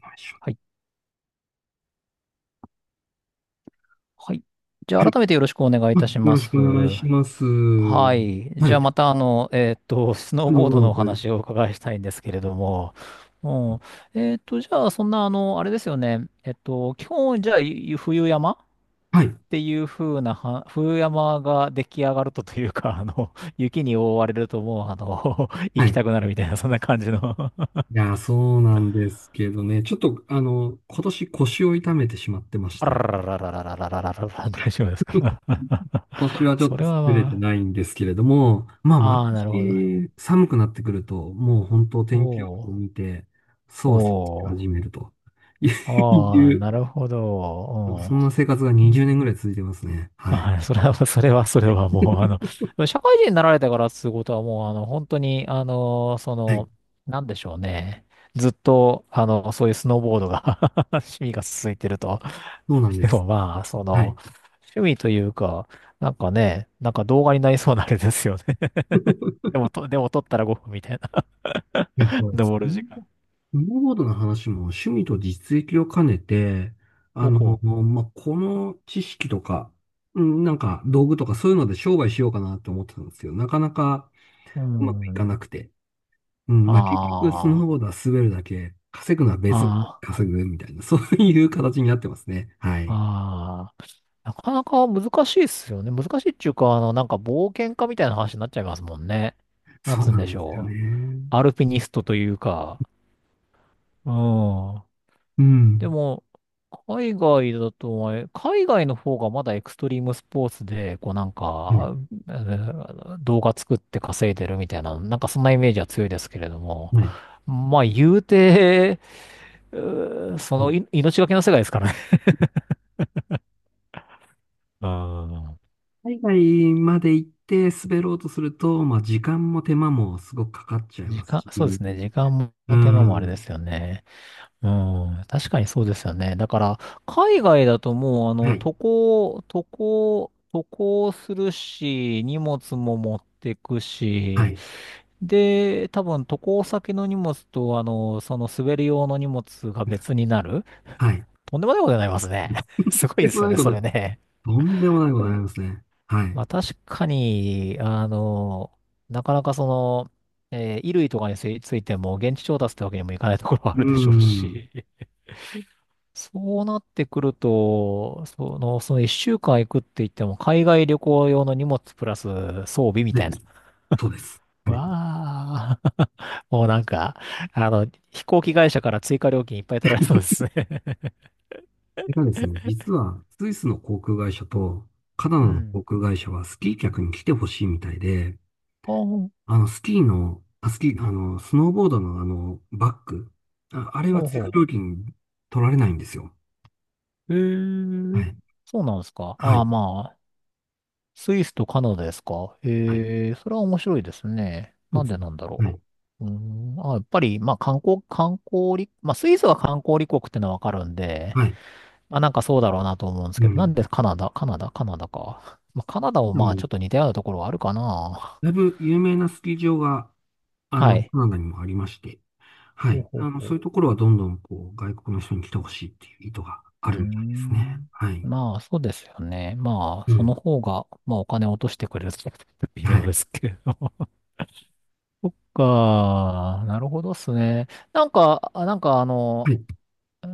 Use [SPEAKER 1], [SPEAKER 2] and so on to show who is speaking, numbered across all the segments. [SPEAKER 1] はい。
[SPEAKER 2] はい。はい、じゃあ、改めてよろしくお願いいたし
[SPEAKER 1] よ
[SPEAKER 2] ま
[SPEAKER 1] ろし
[SPEAKER 2] す。
[SPEAKER 1] くお願いします。は
[SPEAKER 2] はい。じゃあ、
[SPEAKER 1] い。
[SPEAKER 2] また、スノー
[SPEAKER 1] あう
[SPEAKER 2] ボー
[SPEAKER 1] ご
[SPEAKER 2] ド
[SPEAKER 1] ろ
[SPEAKER 2] のお
[SPEAKER 1] とい
[SPEAKER 2] 話をお伺いしたいんですけれども、うん。じゃあ、そんな、あれですよね。基本、じゃあ、冬山っ
[SPEAKER 1] はい。
[SPEAKER 2] ていう風なは、冬山が出来上がるというか、雪に覆われると、もう、行
[SPEAKER 1] は
[SPEAKER 2] き
[SPEAKER 1] い。
[SPEAKER 2] たくなるみたいな、そんな感じの。
[SPEAKER 1] いやー、そうなんですけどね。ちょっと、今年腰を痛めてしまってまし
[SPEAKER 2] あ
[SPEAKER 1] て、
[SPEAKER 2] ららららららららららら、大丈夫ですか？
[SPEAKER 1] 今年は ちょっ
[SPEAKER 2] そ
[SPEAKER 1] と
[SPEAKER 2] れは
[SPEAKER 1] 作れて
[SPEAKER 2] ま
[SPEAKER 1] ないんですけれども、まあ、毎
[SPEAKER 2] あ、ああ、なるほど。
[SPEAKER 1] 年寒くなってくると、もう本当
[SPEAKER 2] お
[SPEAKER 1] 天気予報
[SPEAKER 2] お。
[SPEAKER 1] を見て、そわそわし
[SPEAKER 2] お
[SPEAKER 1] 始
[SPEAKER 2] ー、
[SPEAKER 1] めると
[SPEAKER 2] あ
[SPEAKER 1] い
[SPEAKER 2] あ、なる
[SPEAKER 1] う、
[SPEAKER 2] ほど。
[SPEAKER 1] そんな生活が
[SPEAKER 2] う
[SPEAKER 1] 20
[SPEAKER 2] ん。
[SPEAKER 1] 年ぐらい続いてますね。はい。
[SPEAKER 2] あ、それは、それは、それはもう、社会人になられてからってことはもう、本当に、
[SPEAKER 1] はい。
[SPEAKER 2] なんでしょうね。ずっと、そういうスノーボードが 趣味が続いてると。
[SPEAKER 1] そうなん で
[SPEAKER 2] で
[SPEAKER 1] す。
[SPEAKER 2] もまあ、
[SPEAKER 1] はい。
[SPEAKER 2] 趣味というか、なんかね、なんか動画になりそうなあれですよね。でも撮ったら5分みたいな。
[SPEAKER 1] いや、そうです
[SPEAKER 2] 登る
[SPEAKER 1] ね。
[SPEAKER 2] 時間。
[SPEAKER 1] スノーボードの話も趣味と実益を兼ねて、
[SPEAKER 2] ほ
[SPEAKER 1] まあ、この知識とか、うん、なんか道具とかそういうので商売しようかなと思ってたんですけど、なかなか
[SPEAKER 2] う。う
[SPEAKER 1] うまくいか
[SPEAKER 2] ん。
[SPEAKER 1] なくて。うん、まあ、結局ス
[SPEAKER 2] ああ。
[SPEAKER 1] ノーボー
[SPEAKER 2] あ
[SPEAKER 1] ドは滑るだけ、稼ぐのは別の
[SPEAKER 2] あ。
[SPEAKER 1] 稼ぐみたいな、そういう形になってますね。はい。
[SPEAKER 2] ああ、なかなか難しいっすよね。難しいっていうか、なんか冒険家みたいな話になっちゃいますもんね。なん
[SPEAKER 1] そう
[SPEAKER 2] つうん
[SPEAKER 1] な
[SPEAKER 2] で
[SPEAKER 1] ん
[SPEAKER 2] し
[SPEAKER 1] ですよ
[SPEAKER 2] ょう。
[SPEAKER 1] ね。
[SPEAKER 2] アルピニストというか。うん。
[SPEAKER 1] う
[SPEAKER 2] で
[SPEAKER 1] ん。
[SPEAKER 2] も、海外だと、海外の方がまだエクストリームスポーツで、こうなん
[SPEAKER 1] はい。
[SPEAKER 2] か、動画作って稼いでるみたいな、なんかそんなイメージは強いですけれども。
[SPEAKER 1] はい。
[SPEAKER 2] まあ、言うて、うーそ
[SPEAKER 1] う
[SPEAKER 2] の
[SPEAKER 1] ん。
[SPEAKER 2] い命がけの世界ですからね。うん。
[SPEAKER 1] 海外まで行って滑ろうとすると、まあ、時間も手間もすごくかかっちゃいますし、
[SPEAKER 2] そうですね。時間
[SPEAKER 1] う
[SPEAKER 2] も手間もあれで
[SPEAKER 1] ん。
[SPEAKER 2] すよね。うん。確かにそうですよね。だから、海外だともう、
[SPEAKER 1] はい、
[SPEAKER 2] 渡航するし、荷物も持ってく
[SPEAKER 1] は
[SPEAKER 2] し、
[SPEAKER 1] い、
[SPEAKER 2] で、多分渡航先の荷物と、その滑り用の荷物が別になる。
[SPEAKER 1] はい。
[SPEAKER 2] とんでもないことになりますね。すごい
[SPEAKER 1] えっ
[SPEAKER 2] で
[SPEAKER 1] とんで
[SPEAKER 2] す
[SPEAKER 1] も
[SPEAKER 2] よ
[SPEAKER 1] ない
[SPEAKER 2] ね、
[SPEAKER 1] こ
[SPEAKER 2] そ
[SPEAKER 1] と、
[SPEAKER 2] れね。
[SPEAKER 1] とんでもないことになりますね。はい。
[SPEAKER 2] まあ確かに、なかなか衣類とかについついても現地調達ってわけにもいかないところは
[SPEAKER 1] う
[SPEAKER 2] あ
[SPEAKER 1] ー
[SPEAKER 2] るでしょう
[SPEAKER 1] ん。
[SPEAKER 2] し、そうなってくると、その一週間行くって言っても、海外旅行用の荷物プラス装備み
[SPEAKER 1] 出
[SPEAKER 2] たいな。
[SPEAKER 1] る。そうです。はい。こ
[SPEAKER 2] わあ、もうなんか、飛行機会社から追加料金いっぱい取られそうですね。
[SPEAKER 1] れがですね、実は、スイスの航空会社と、カナ ダ
[SPEAKER 2] う
[SPEAKER 1] の航
[SPEAKER 2] ん。
[SPEAKER 1] 空会社はスキー客に来てほしいみたいで、
[SPEAKER 2] ああ、ほ
[SPEAKER 1] あの、スキーの、あ、スキー、あの、スノーボードのバッグ、あれは
[SPEAKER 2] う
[SPEAKER 1] 追加
[SPEAKER 2] ほ
[SPEAKER 1] 料金取られないんですよ。
[SPEAKER 2] う。へ
[SPEAKER 1] は
[SPEAKER 2] え、
[SPEAKER 1] い。
[SPEAKER 2] そうなんですか。
[SPEAKER 1] は
[SPEAKER 2] あ
[SPEAKER 1] い。
[SPEAKER 2] あ、まあ、スイスとカナダですか、
[SPEAKER 1] はい。
[SPEAKER 2] ええ、それは面白いですね。
[SPEAKER 1] そう
[SPEAKER 2] なん
[SPEAKER 1] です
[SPEAKER 2] でなんだろ
[SPEAKER 1] ね。
[SPEAKER 2] う。うーん、あ、やっぱり、まあ観光、観光立、まあスイスは観光立国ってのはわかるんで、
[SPEAKER 1] はい。はい。
[SPEAKER 2] まあなんかそうだろうなと思うんです
[SPEAKER 1] う
[SPEAKER 2] けど、なん
[SPEAKER 1] ん。
[SPEAKER 2] でカナダ、カナダ、カナダか。まあカナダも
[SPEAKER 1] で
[SPEAKER 2] まあ
[SPEAKER 1] も、
[SPEAKER 2] ちょっと似たようなところはあるかな。
[SPEAKER 1] だいぶ有名なスキー場が
[SPEAKER 2] はい。
[SPEAKER 1] カナダにもありまして、は
[SPEAKER 2] ほう
[SPEAKER 1] い。
[SPEAKER 2] ほうほ
[SPEAKER 1] そう
[SPEAKER 2] う。
[SPEAKER 1] いうところはどんどん、外国の人に来てほしいっていう意図が
[SPEAKER 2] う
[SPEAKER 1] あ
[SPEAKER 2] ー
[SPEAKER 1] るみたいですね。
[SPEAKER 2] ん。
[SPEAKER 1] はい。
[SPEAKER 2] まあそうですよね。まあ
[SPEAKER 1] う
[SPEAKER 2] そ
[SPEAKER 1] ん。
[SPEAKER 2] の方が、まあお金を落としてくれるって微
[SPEAKER 1] は
[SPEAKER 2] 妙
[SPEAKER 1] い。
[SPEAKER 2] ですけれど。そっか、なるほどっすね。なんか、
[SPEAKER 1] はい。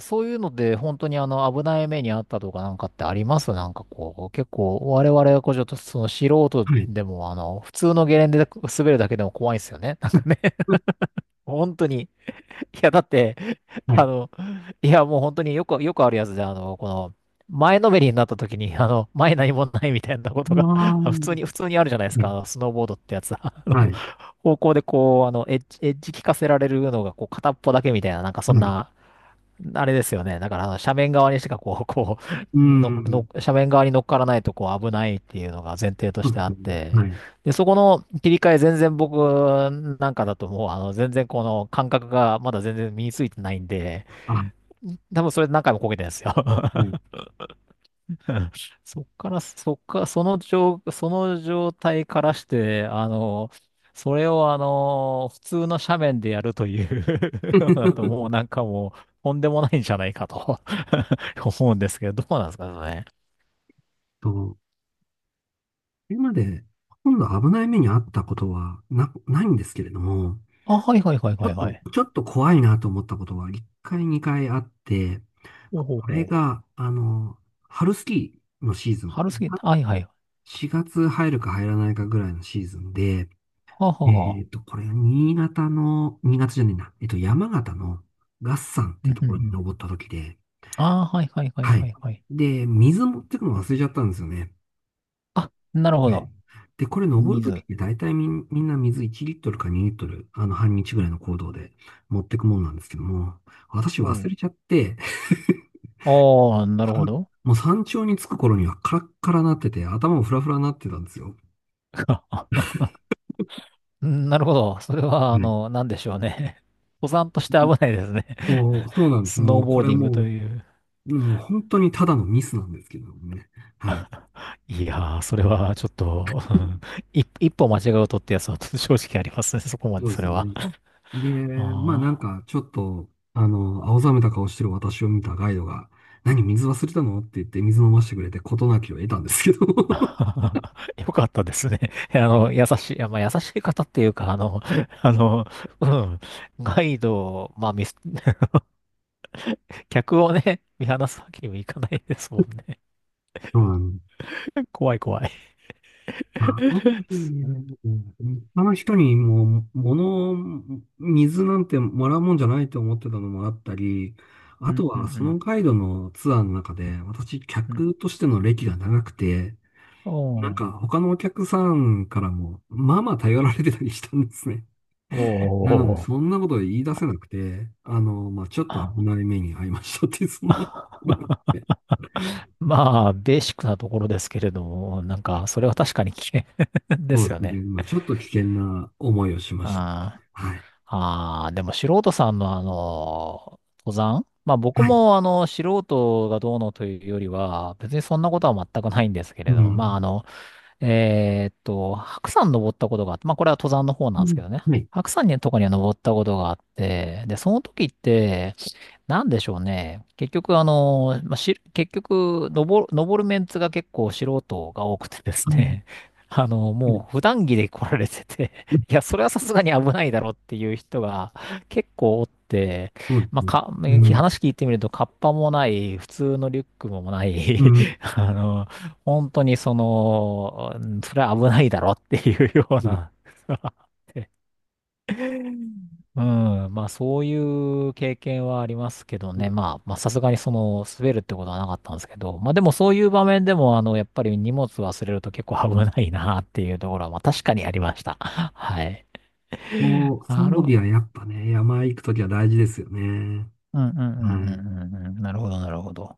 [SPEAKER 2] そういうので本当に危ない目にあったとかなんかってありますなんかこう、結構我々はこうちょっと素人
[SPEAKER 1] はい。
[SPEAKER 2] でも普通のゲレンデで滑るだけでも怖いですよね。なん
[SPEAKER 1] う
[SPEAKER 2] か
[SPEAKER 1] ん。
[SPEAKER 2] ね、本当に。いや、だって、
[SPEAKER 1] は
[SPEAKER 2] あ
[SPEAKER 1] い。
[SPEAKER 2] の、いやもう本当によくあるやつで、前のめりになった時に、前何もないみたいなこ
[SPEAKER 1] あ
[SPEAKER 2] とが
[SPEAKER 1] あ、
[SPEAKER 2] 普通
[SPEAKER 1] は
[SPEAKER 2] に、普通にあるじゃないです
[SPEAKER 1] い。
[SPEAKER 2] か、あのスノーボードってやつは。あ
[SPEAKER 1] は
[SPEAKER 2] の
[SPEAKER 1] い。
[SPEAKER 2] 方向でこう、エッジ効かせられるのが、こう、片っぽだけみたいな、なんかそん
[SPEAKER 1] はい。
[SPEAKER 2] な、あれですよね。だから、斜面側にしかこう、こ
[SPEAKER 1] う
[SPEAKER 2] う、
[SPEAKER 1] ん。
[SPEAKER 2] 斜面側に乗っからないと、こう、危ないっていうのが前提と
[SPEAKER 1] そ
[SPEAKER 2] し
[SPEAKER 1] う
[SPEAKER 2] て
[SPEAKER 1] で
[SPEAKER 2] あ
[SPEAKER 1] す
[SPEAKER 2] っ
[SPEAKER 1] ね。
[SPEAKER 2] て、
[SPEAKER 1] はい。
[SPEAKER 2] で、そこの切り替え、全然僕なんかだともう、全然この感覚がまだ全然身についてないんで、
[SPEAKER 1] あ、は
[SPEAKER 2] 多分それ何回もこけてるんですよ。
[SPEAKER 1] い。
[SPEAKER 2] そっから、そっか、その状態からして、それを普通の斜面でやるという のだと もうなんかもう、とんでもないんじゃないかと 思うんですけど、どうなんですかね。
[SPEAKER 1] と、今まで、ほとんど危ない目に遭ったことはないんですけれども、
[SPEAKER 2] あ、はいはいはい
[SPEAKER 1] ちょ
[SPEAKER 2] はい
[SPEAKER 1] っ
[SPEAKER 2] は
[SPEAKER 1] と、
[SPEAKER 2] い。
[SPEAKER 1] ちょっと怖いなと思ったことは、1回、2回あって、
[SPEAKER 2] ほう
[SPEAKER 1] こ
[SPEAKER 2] ほう
[SPEAKER 1] れ
[SPEAKER 2] ほう。
[SPEAKER 1] が、春スキーのシーズン、
[SPEAKER 2] 春すぎ、はいはい。は
[SPEAKER 1] 4月入るか入らないかぐらいのシーズンで、
[SPEAKER 2] あ、はあはあ。
[SPEAKER 1] これ、新潟の、新潟じゃねえな、山形の月山って
[SPEAKER 2] う
[SPEAKER 1] いう
[SPEAKER 2] ん
[SPEAKER 1] と
[SPEAKER 2] うんう
[SPEAKER 1] ころに
[SPEAKER 2] ん。
[SPEAKER 1] 登った時で、
[SPEAKER 2] ああ、はいはいはい
[SPEAKER 1] は
[SPEAKER 2] は
[SPEAKER 1] い。
[SPEAKER 2] いはい。
[SPEAKER 1] で、水持ってくの忘れちゃったんですよね。
[SPEAKER 2] あ、なるほ
[SPEAKER 1] はい。
[SPEAKER 2] ど。
[SPEAKER 1] で、これ登るとき
[SPEAKER 2] 水。
[SPEAKER 1] って大体みんな水1リットルか2リットル、半日ぐらいの行動で持ってくもんなんですけども、私
[SPEAKER 2] お
[SPEAKER 1] 忘
[SPEAKER 2] う。
[SPEAKER 1] れちゃって、
[SPEAKER 2] ああ、なるほ ど。
[SPEAKER 1] もう山頂に着く頃にはカラッカラなってて、頭もフラフラなってたんですよ。
[SPEAKER 2] うん、なるほど。それは、
[SPEAKER 1] うん。
[SPEAKER 2] なんでしょうね。登山として危ないですね。
[SPEAKER 1] そうな んです。
[SPEAKER 2] スノ
[SPEAKER 1] も
[SPEAKER 2] ー
[SPEAKER 1] う、
[SPEAKER 2] ボーディングという。
[SPEAKER 1] もう本当にただのミスなんですけどもね。はい。
[SPEAKER 2] いやー、それはちょっと、うん、一歩間違うとってやつは正直ありますね。そこま
[SPEAKER 1] そ
[SPEAKER 2] で、
[SPEAKER 1] うで
[SPEAKER 2] そ
[SPEAKER 1] す
[SPEAKER 2] れは。
[SPEAKER 1] ね。で、まあ
[SPEAKER 2] あ
[SPEAKER 1] なんかちょっと、青ざめた顔してる私を見たガイドが、何、水忘れたのって言って水飲ませてくれて事なきを得たんですけど。
[SPEAKER 2] あ。よかったですね。優しい、いやまあ、優しい方っていうか、あの、うん、ガイドを、まあ、ミス、客をね、見放すわけにもいかないですもんね。
[SPEAKER 1] そうなん
[SPEAKER 2] 怖い怖い。
[SPEAKER 1] まあ、あの 時
[SPEAKER 2] うん
[SPEAKER 1] ね、あの人にもう、水なんてもらうもんじゃないと思ってたのもあったり、
[SPEAKER 2] う
[SPEAKER 1] あ
[SPEAKER 2] ん
[SPEAKER 1] と
[SPEAKER 2] う
[SPEAKER 1] はその
[SPEAKER 2] ん。
[SPEAKER 1] ガイドのツアーの中で、私、
[SPEAKER 2] うん。
[SPEAKER 1] 客としての歴が長くて、なん
[SPEAKER 2] お
[SPEAKER 1] か他のお客さんからも、まあまあ頼られてたりしたんですね。
[SPEAKER 2] お
[SPEAKER 1] なので、そ
[SPEAKER 2] ー。
[SPEAKER 1] んなこと言い出せなくて、まあ、ちょっと危ない目に遭いましたっていう、そんな、まああっ て、
[SPEAKER 2] まあ、ベーシックなところですけれども、なんか、それは確かに危険 で
[SPEAKER 1] そう
[SPEAKER 2] す
[SPEAKER 1] で
[SPEAKER 2] よ
[SPEAKER 1] すね。
[SPEAKER 2] ね。
[SPEAKER 1] まあ、ちょっと危険な思いをしました。
[SPEAKER 2] あ
[SPEAKER 1] はい。
[SPEAKER 2] ーあー、でも素人さんの登山、まあ僕
[SPEAKER 1] はい。
[SPEAKER 2] も素人がどうのというよりは、別にそんなことは全くないんですけ
[SPEAKER 1] う
[SPEAKER 2] れども、まあ
[SPEAKER 1] ん。
[SPEAKER 2] 白山登ったことがあって、まあこれは登山の方
[SPEAKER 1] う
[SPEAKER 2] なんですけ
[SPEAKER 1] ん。
[SPEAKER 2] どね。
[SPEAKER 1] はい。
[SPEAKER 2] 白山にとかには登ったことがあって、で、その時って、なんでしょうね。結局、まあ、結局、登るメンツが結構素人が多くてです
[SPEAKER 1] うん。
[SPEAKER 2] ね。
[SPEAKER 1] はい。
[SPEAKER 2] もう普段着で来られてて、いや、それはさすがに危ないだろうっていう人が結構おって、
[SPEAKER 1] そうで
[SPEAKER 2] まあ、
[SPEAKER 1] すね。うん。
[SPEAKER 2] 話聞いてみると、カッパもない、普通のリュックもない、
[SPEAKER 1] うん。
[SPEAKER 2] あの、本当にうんそれは危ないだろうっていうような、
[SPEAKER 1] う
[SPEAKER 2] うん。まあ、そういう経験はありますけど
[SPEAKER 1] ん。
[SPEAKER 2] ね。まあ、まあ、さすがに滑るってことはなかったんですけど。まあ、でもそういう場面でも、やっぱり荷物忘れると結構危ないなっていうところは、まあ、確かにありました。はい。
[SPEAKER 1] もう、装
[SPEAKER 2] なるほ
[SPEAKER 1] 備は
[SPEAKER 2] ど。
[SPEAKER 1] やっぱね、山行くときは大事ですよね。
[SPEAKER 2] うんうんう
[SPEAKER 1] は
[SPEAKER 2] ん
[SPEAKER 1] い。
[SPEAKER 2] うんうんうん。なるほど、なるほど。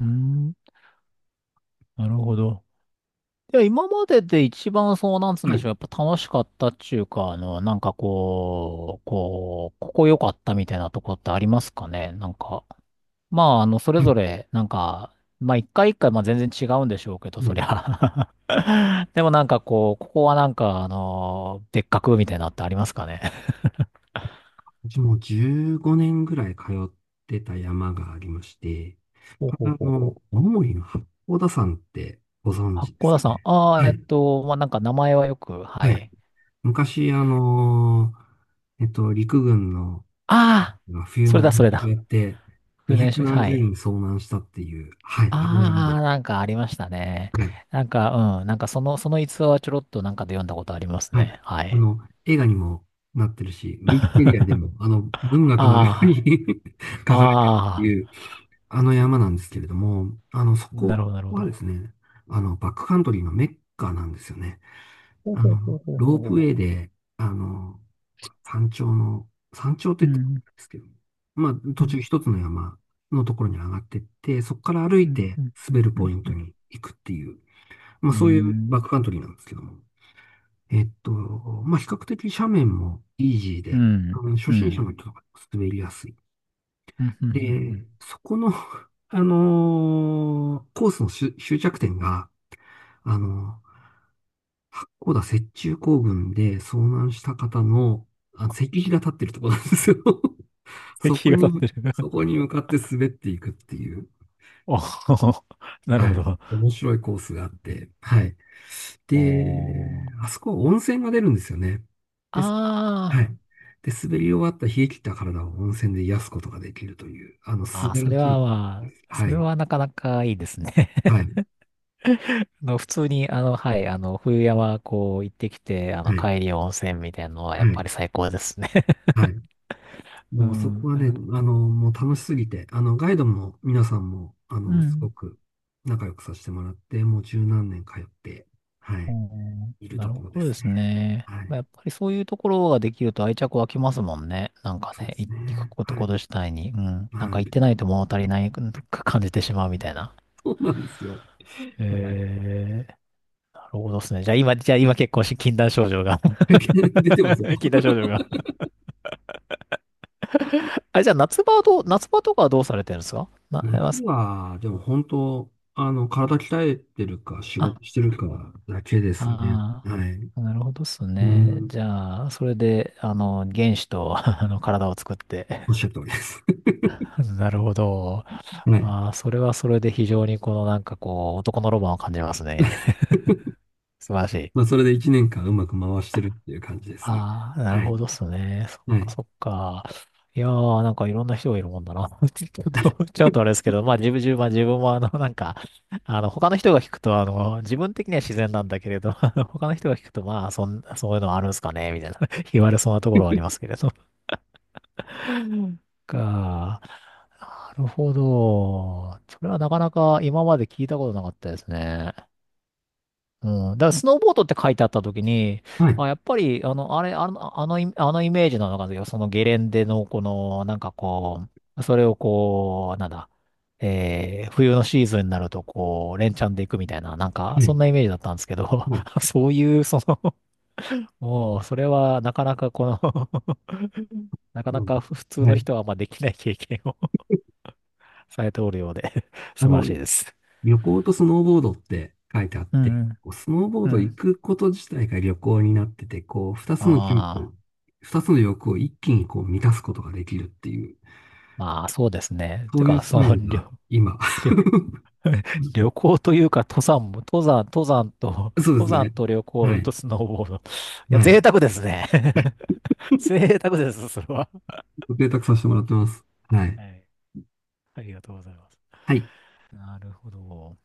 [SPEAKER 2] うん。なるほど。いや、今までで一番そう、なんつうん
[SPEAKER 1] は
[SPEAKER 2] でし
[SPEAKER 1] い。
[SPEAKER 2] ょう。やっぱ楽しかったっていうか、なんかこう、ここ良かったみたいなとこってありますかね。なんか。まあ、それ
[SPEAKER 1] は
[SPEAKER 2] ぞ
[SPEAKER 1] い。
[SPEAKER 2] れ、なんか、まあ、一回一回、まあ、全然違うんでしょうけど、
[SPEAKER 1] は
[SPEAKER 2] そり
[SPEAKER 1] い。
[SPEAKER 2] ゃ。でもなんかこう、ここはなんか、でっかくみたいなのってありますかね。
[SPEAKER 1] 私もう15年ぐらい通ってた山がありまして、
[SPEAKER 2] ほう
[SPEAKER 1] こ
[SPEAKER 2] ほ
[SPEAKER 1] れ
[SPEAKER 2] うほうほう。
[SPEAKER 1] 青森の八甲田山ってご存
[SPEAKER 2] 八
[SPEAKER 1] 知で
[SPEAKER 2] 甲
[SPEAKER 1] す
[SPEAKER 2] 田
[SPEAKER 1] か
[SPEAKER 2] 山。
[SPEAKER 1] ね。
[SPEAKER 2] ああ、
[SPEAKER 1] はい。
[SPEAKER 2] まあ、なんか名前はよく、は
[SPEAKER 1] はい。
[SPEAKER 2] い。
[SPEAKER 1] 昔、陸軍の
[SPEAKER 2] ああ、
[SPEAKER 1] 冬
[SPEAKER 2] それ
[SPEAKER 1] の
[SPEAKER 2] だ、そ
[SPEAKER 1] 演
[SPEAKER 2] れ
[SPEAKER 1] 習
[SPEAKER 2] だ。
[SPEAKER 1] やって、二
[SPEAKER 2] 訓練
[SPEAKER 1] 百
[SPEAKER 2] 所、
[SPEAKER 1] 何
[SPEAKER 2] は
[SPEAKER 1] 十
[SPEAKER 2] い。
[SPEAKER 1] 人遭難したっていう、はい、あの山
[SPEAKER 2] あ
[SPEAKER 1] で。
[SPEAKER 2] あ、なんかありましたね。
[SPEAKER 1] はい。
[SPEAKER 2] なんか、うん、なんかその逸話はちょろっとなんかで読んだことあります
[SPEAKER 1] はい。
[SPEAKER 2] ね。はい。
[SPEAKER 1] の、映画にもなってるし、ウィキペディアで も、文学のように
[SPEAKER 2] ああ、
[SPEAKER 1] 書かれてるっ
[SPEAKER 2] あ
[SPEAKER 1] てい、あの山なんですけれども、そ
[SPEAKER 2] あ、な
[SPEAKER 1] こ
[SPEAKER 2] るほど、なるほ
[SPEAKER 1] はで
[SPEAKER 2] ど。
[SPEAKER 1] すね、バックカントリーのメッカなんですよね。
[SPEAKER 2] ほうほうほうほう
[SPEAKER 1] ロープウ
[SPEAKER 2] ほ
[SPEAKER 1] ェイ
[SPEAKER 2] う、
[SPEAKER 1] で、あの、山頂の、山頂っ
[SPEAKER 2] う
[SPEAKER 1] て言ってもい
[SPEAKER 2] ん、
[SPEAKER 1] いんですけど、まあ、
[SPEAKER 2] う
[SPEAKER 1] 途
[SPEAKER 2] ん、
[SPEAKER 1] 中一つの山のところに上がってって、そこから歩
[SPEAKER 2] う
[SPEAKER 1] い
[SPEAKER 2] ん、
[SPEAKER 1] て
[SPEAKER 2] うん、う
[SPEAKER 1] 滑
[SPEAKER 2] ん、
[SPEAKER 1] るポイン
[SPEAKER 2] う
[SPEAKER 1] ト
[SPEAKER 2] ん、
[SPEAKER 1] に行くっていう、まあ、
[SPEAKER 2] う
[SPEAKER 1] そういうバ
[SPEAKER 2] ん、
[SPEAKER 1] ックカントリーなんですけども。えっと、まあ、比較的斜面もイージー
[SPEAKER 2] う
[SPEAKER 1] で、
[SPEAKER 2] ん、
[SPEAKER 1] 初
[SPEAKER 2] うん、うん、う
[SPEAKER 1] 心者
[SPEAKER 2] ん、
[SPEAKER 1] の人とか滑りやすい。
[SPEAKER 2] うん、う
[SPEAKER 1] で、
[SPEAKER 2] ん、
[SPEAKER 1] そこの、コースの終着点が、あのー八甲田雪中行軍で遭難した方の、石碑が立ってるところなんですよ。
[SPEAKER 2] 石
[SPEAKER 1] そ
[SPEAKER 2] 碑
[SPEAKER 1] こ
[SPEAKER 2] が立っ
[SPEAKER 1] に、
[SPEAKER 2] てる
[SPEAKER 1] そこに向かって滑っていくっていう、
[SPEAKER 2] おー、なる
[SPEAKER 1] は
[SPEAKER 2] ほ
[SPEAKER 1] い、
[SPEAKER 2] ど。
[SPEAKER 1] 面白いコースがあって、はい。で、
[SPEAKER 2] おー。
[SPEAKER 1] あそこは温泉が出るんですよね。です、は
[SPEAKER 2] あ
[SPEAKER 1] い。で、滑り終わった冷え切った体を温泉で癒すことができるという、
[SPEAKER 2] ー、
[SPEAKER 1] 素
[SPEAKER 2] あー、
[SPEAKER 1] 晴
[SPEAKER 2] そ
[SPEAKER 1] ら
[SPEAKER 2] れ
[SPEAKER 1] し
[SPEAKER 2] は
[SPEAKER 1] いで
[SPEAKER 2] ま
[SPEAKER 1] す。
[SPEAKER 2] あ、
[SPEAKER 1] は
[SPEAKER 2] それ
[SPEAKER 1] い。
[SPEAKER 2] はなかなかいいですね。
[SPEAKER 1] はい。
[SPEAKER 2] 普通に、はい、冬山、こう、行ってきて、
[SPEAKER 1] はい、
[SPEAKER 2] 帰り温泉みたいなのは、やっ
[SPEAKER 1] は
[SPEAKER 2] ぱ
[SPEAKER 1] い、
[SPEAKER 2] り最高ですね。
[SPEAKER 1] はい。
[SPEAKER 2] う
[SPEAKER 1] もうそこ
[SPEAKER 2] ん、
[SPEAKER 1] は
[SPEAKER 2] な
[SPEAKER 1] ね、
[SPEAKER 2] る、
[SPEAKER 1] もう楽しすぎて、ガイドも皆さんも、
[SPEAKER 2] う
[SPEAKER 1] すご
[SPEAKER 2] ん。
[SPEAKER 1] く仲良くさせてもらって、もう十何年通って、はい、
[SPEAKER 2] おー、
[SPEAKER 1] いる
[SPEAKER 2] な
[SPEAKER 1] と
[SPEAKER 2] る
[SPEAKER 1] ころで
[SPEAKER 2] ほどで
[SPEAKER 1] すね。
[SPEAKER 2] すね。
[SPEAKER 1] は
[SPEAKER 2] まあ、
[SPEAKER 1] い、
[SPEAKER 2] やっぱりそういうところができると愛着湧きますもんね。なんか
[SPEAKER 1] そうで
[SPEAKER 2] ね、
[SPEAKER 1] すね。
[SPEAKER 2] 行くこと
[SPEAKER 1] は
[SPEAKER 2] こ
[SPEAKER 1] い、
[SPEAKER 2] と自体に。うん。なん
[SPEAKER 1] は
[SPEAKER 2] か行っ
[SPEAKER 1] い。
[SPEAKER 2] て ないと物足りなく感じてしまうみたいな。
[SPEAKER 1] そうなんですよ。
[SPEAKER 2] え
[SPEAKER 1] はい。
[SPEAKER 2] ー、なるほどですね。じゃあ今結構し、禁断症状が。
[SPEAKER 1] 出てますよ。
[SPEAKER 2] 禁断症状がじゃあ夏場とかはどうされてるんですかな、
[SPEAKER 1] 次は、でも本当、体鍛えてるか、仕事し
[SPEAKER 2] あ
[SPEAKER 1] てるかだけですね。はい。
[SPEAKER 2] あー、なるほどっす
[SPEAKER 1] う
[SPEAKER 2] ね。
[SPEAKER 1] ん、
[SPEAKER 2] じゃあ、それで、あの、原子と あの、体を作って。
[SPEAKER 1] おっしゃる通りです。
[SPEAKER 2] なるほど。
[SPEAKER 1] はい。
[SPEAKER 2] ああ、それはそれで非常にこのなんかこう、男のロマンを感じますね。素晴らしい。
[SPEAKER 1] まあ、それで1年間うまく回してるっていう感じですね。
[SPEAKER 2] ああ、なる
[SPEAKER 1] はい。
[SPEAKER 2] ほどっすね。そっ
[SPEAKER 1] は
[SPEAKER 2] か
[SPEAKER 1] い。
[SPEAKER 2] そっか。いやー、なんかいろんな人がいるもんだな。ちょっと思っちゃうとあれですけど、まあ自分もあの、なんか、あの、他の人が聞くと、あの、自分的には自然なんだけれど、あの他の人が聞くと、まあ、そういうのあるんすかね、みたいな、言われそうなところはありますけれど。か、なるほど。それはなかなか今まで聞いたことなかったですね。うん、だからスノーボードって書いてあった時に、
[SPEAKER 1] はい。
[SPEAKER 2] あ、やっぱり、あの、あれ、あの、あのイ、あのイメージなのかな、そのゲレンデの、この、なんかこう、それをこう、なんだ、えー、冬のシーズンになると、こう、連チャンで行くみたいな、なんか、そんなイメージだったんですけど、
[SPEAKER 1] はい。
[SPEAKER 2] そういう、その、もう、それは、なかなかこの なか
[SPEAKER 1] は
[SPEAKER 2] な
[SPEAKER 1] い。
[SPEAKER 2] か普通
[SPEAKER 1] うん。は
[SPEAKER 2] の
[SPEAKER 1] い。
[SPEAKER 2] 人は、まあ、できない経験を されておるようで
[SPEAKER 1] あ
[SPEAKER 2] 素晴ら
[SPEAKER 1] の、
[SPEAKER 2] しいです。
[SPEAKER 1] 旅行とスノーボードって書いてあっ
[SPEAKER 2] うんう
[SPEAKER 1] て、こうスノーボー
[SPEAKER 2] ん。う
[SPEAKER 1] ド
[SPEAKER 2] ん。
[SPEAKER 1] 行くこと自体が旅行になってて、こう、二つの趣味、
[SPEAKER 2] ああ、
[SPEAKER 1] 二つの欲を一気にこう満たすことができるっていう、
[SPEAKER 2] まあ、そうですね。
[SPEAKER 1] そ
[SPEAKER 2] て
[SPEAKER 1] ういう
[SPEAKER 2] か、
[SPEAKER 1] ス
[SPEAKER 2] そ
[SPEAKER 1] タイ
[SPEAKER 2] の、
[SPEAKER 1] ルが今。
[SPEAKER 2] 旅 行というか、登山と、
[SPEAKER 1] そ う
[SPEAKER 2] 登
[SPEAKER 1] で
[SPEAKER 2] 山
[SPEAKER 1] すね。
[SPEAKER 2] と旅
[SPEAKER 1] は
[SPEAKER 2] 行と
[SPEAKER 1] い。
[SPEAKER 2] スノーボード。いや、
[SPEAKER 1] はい。
[SPEAKER 2] 贅沢ですね。贅沢です、それは。
[SPEAKER 1] ご提託させてもらってます。はい。
[SPEAKER 2] はい。ありがとうございます。
[SPEAKER 1] はい
[SPEAKER 2] なるほど。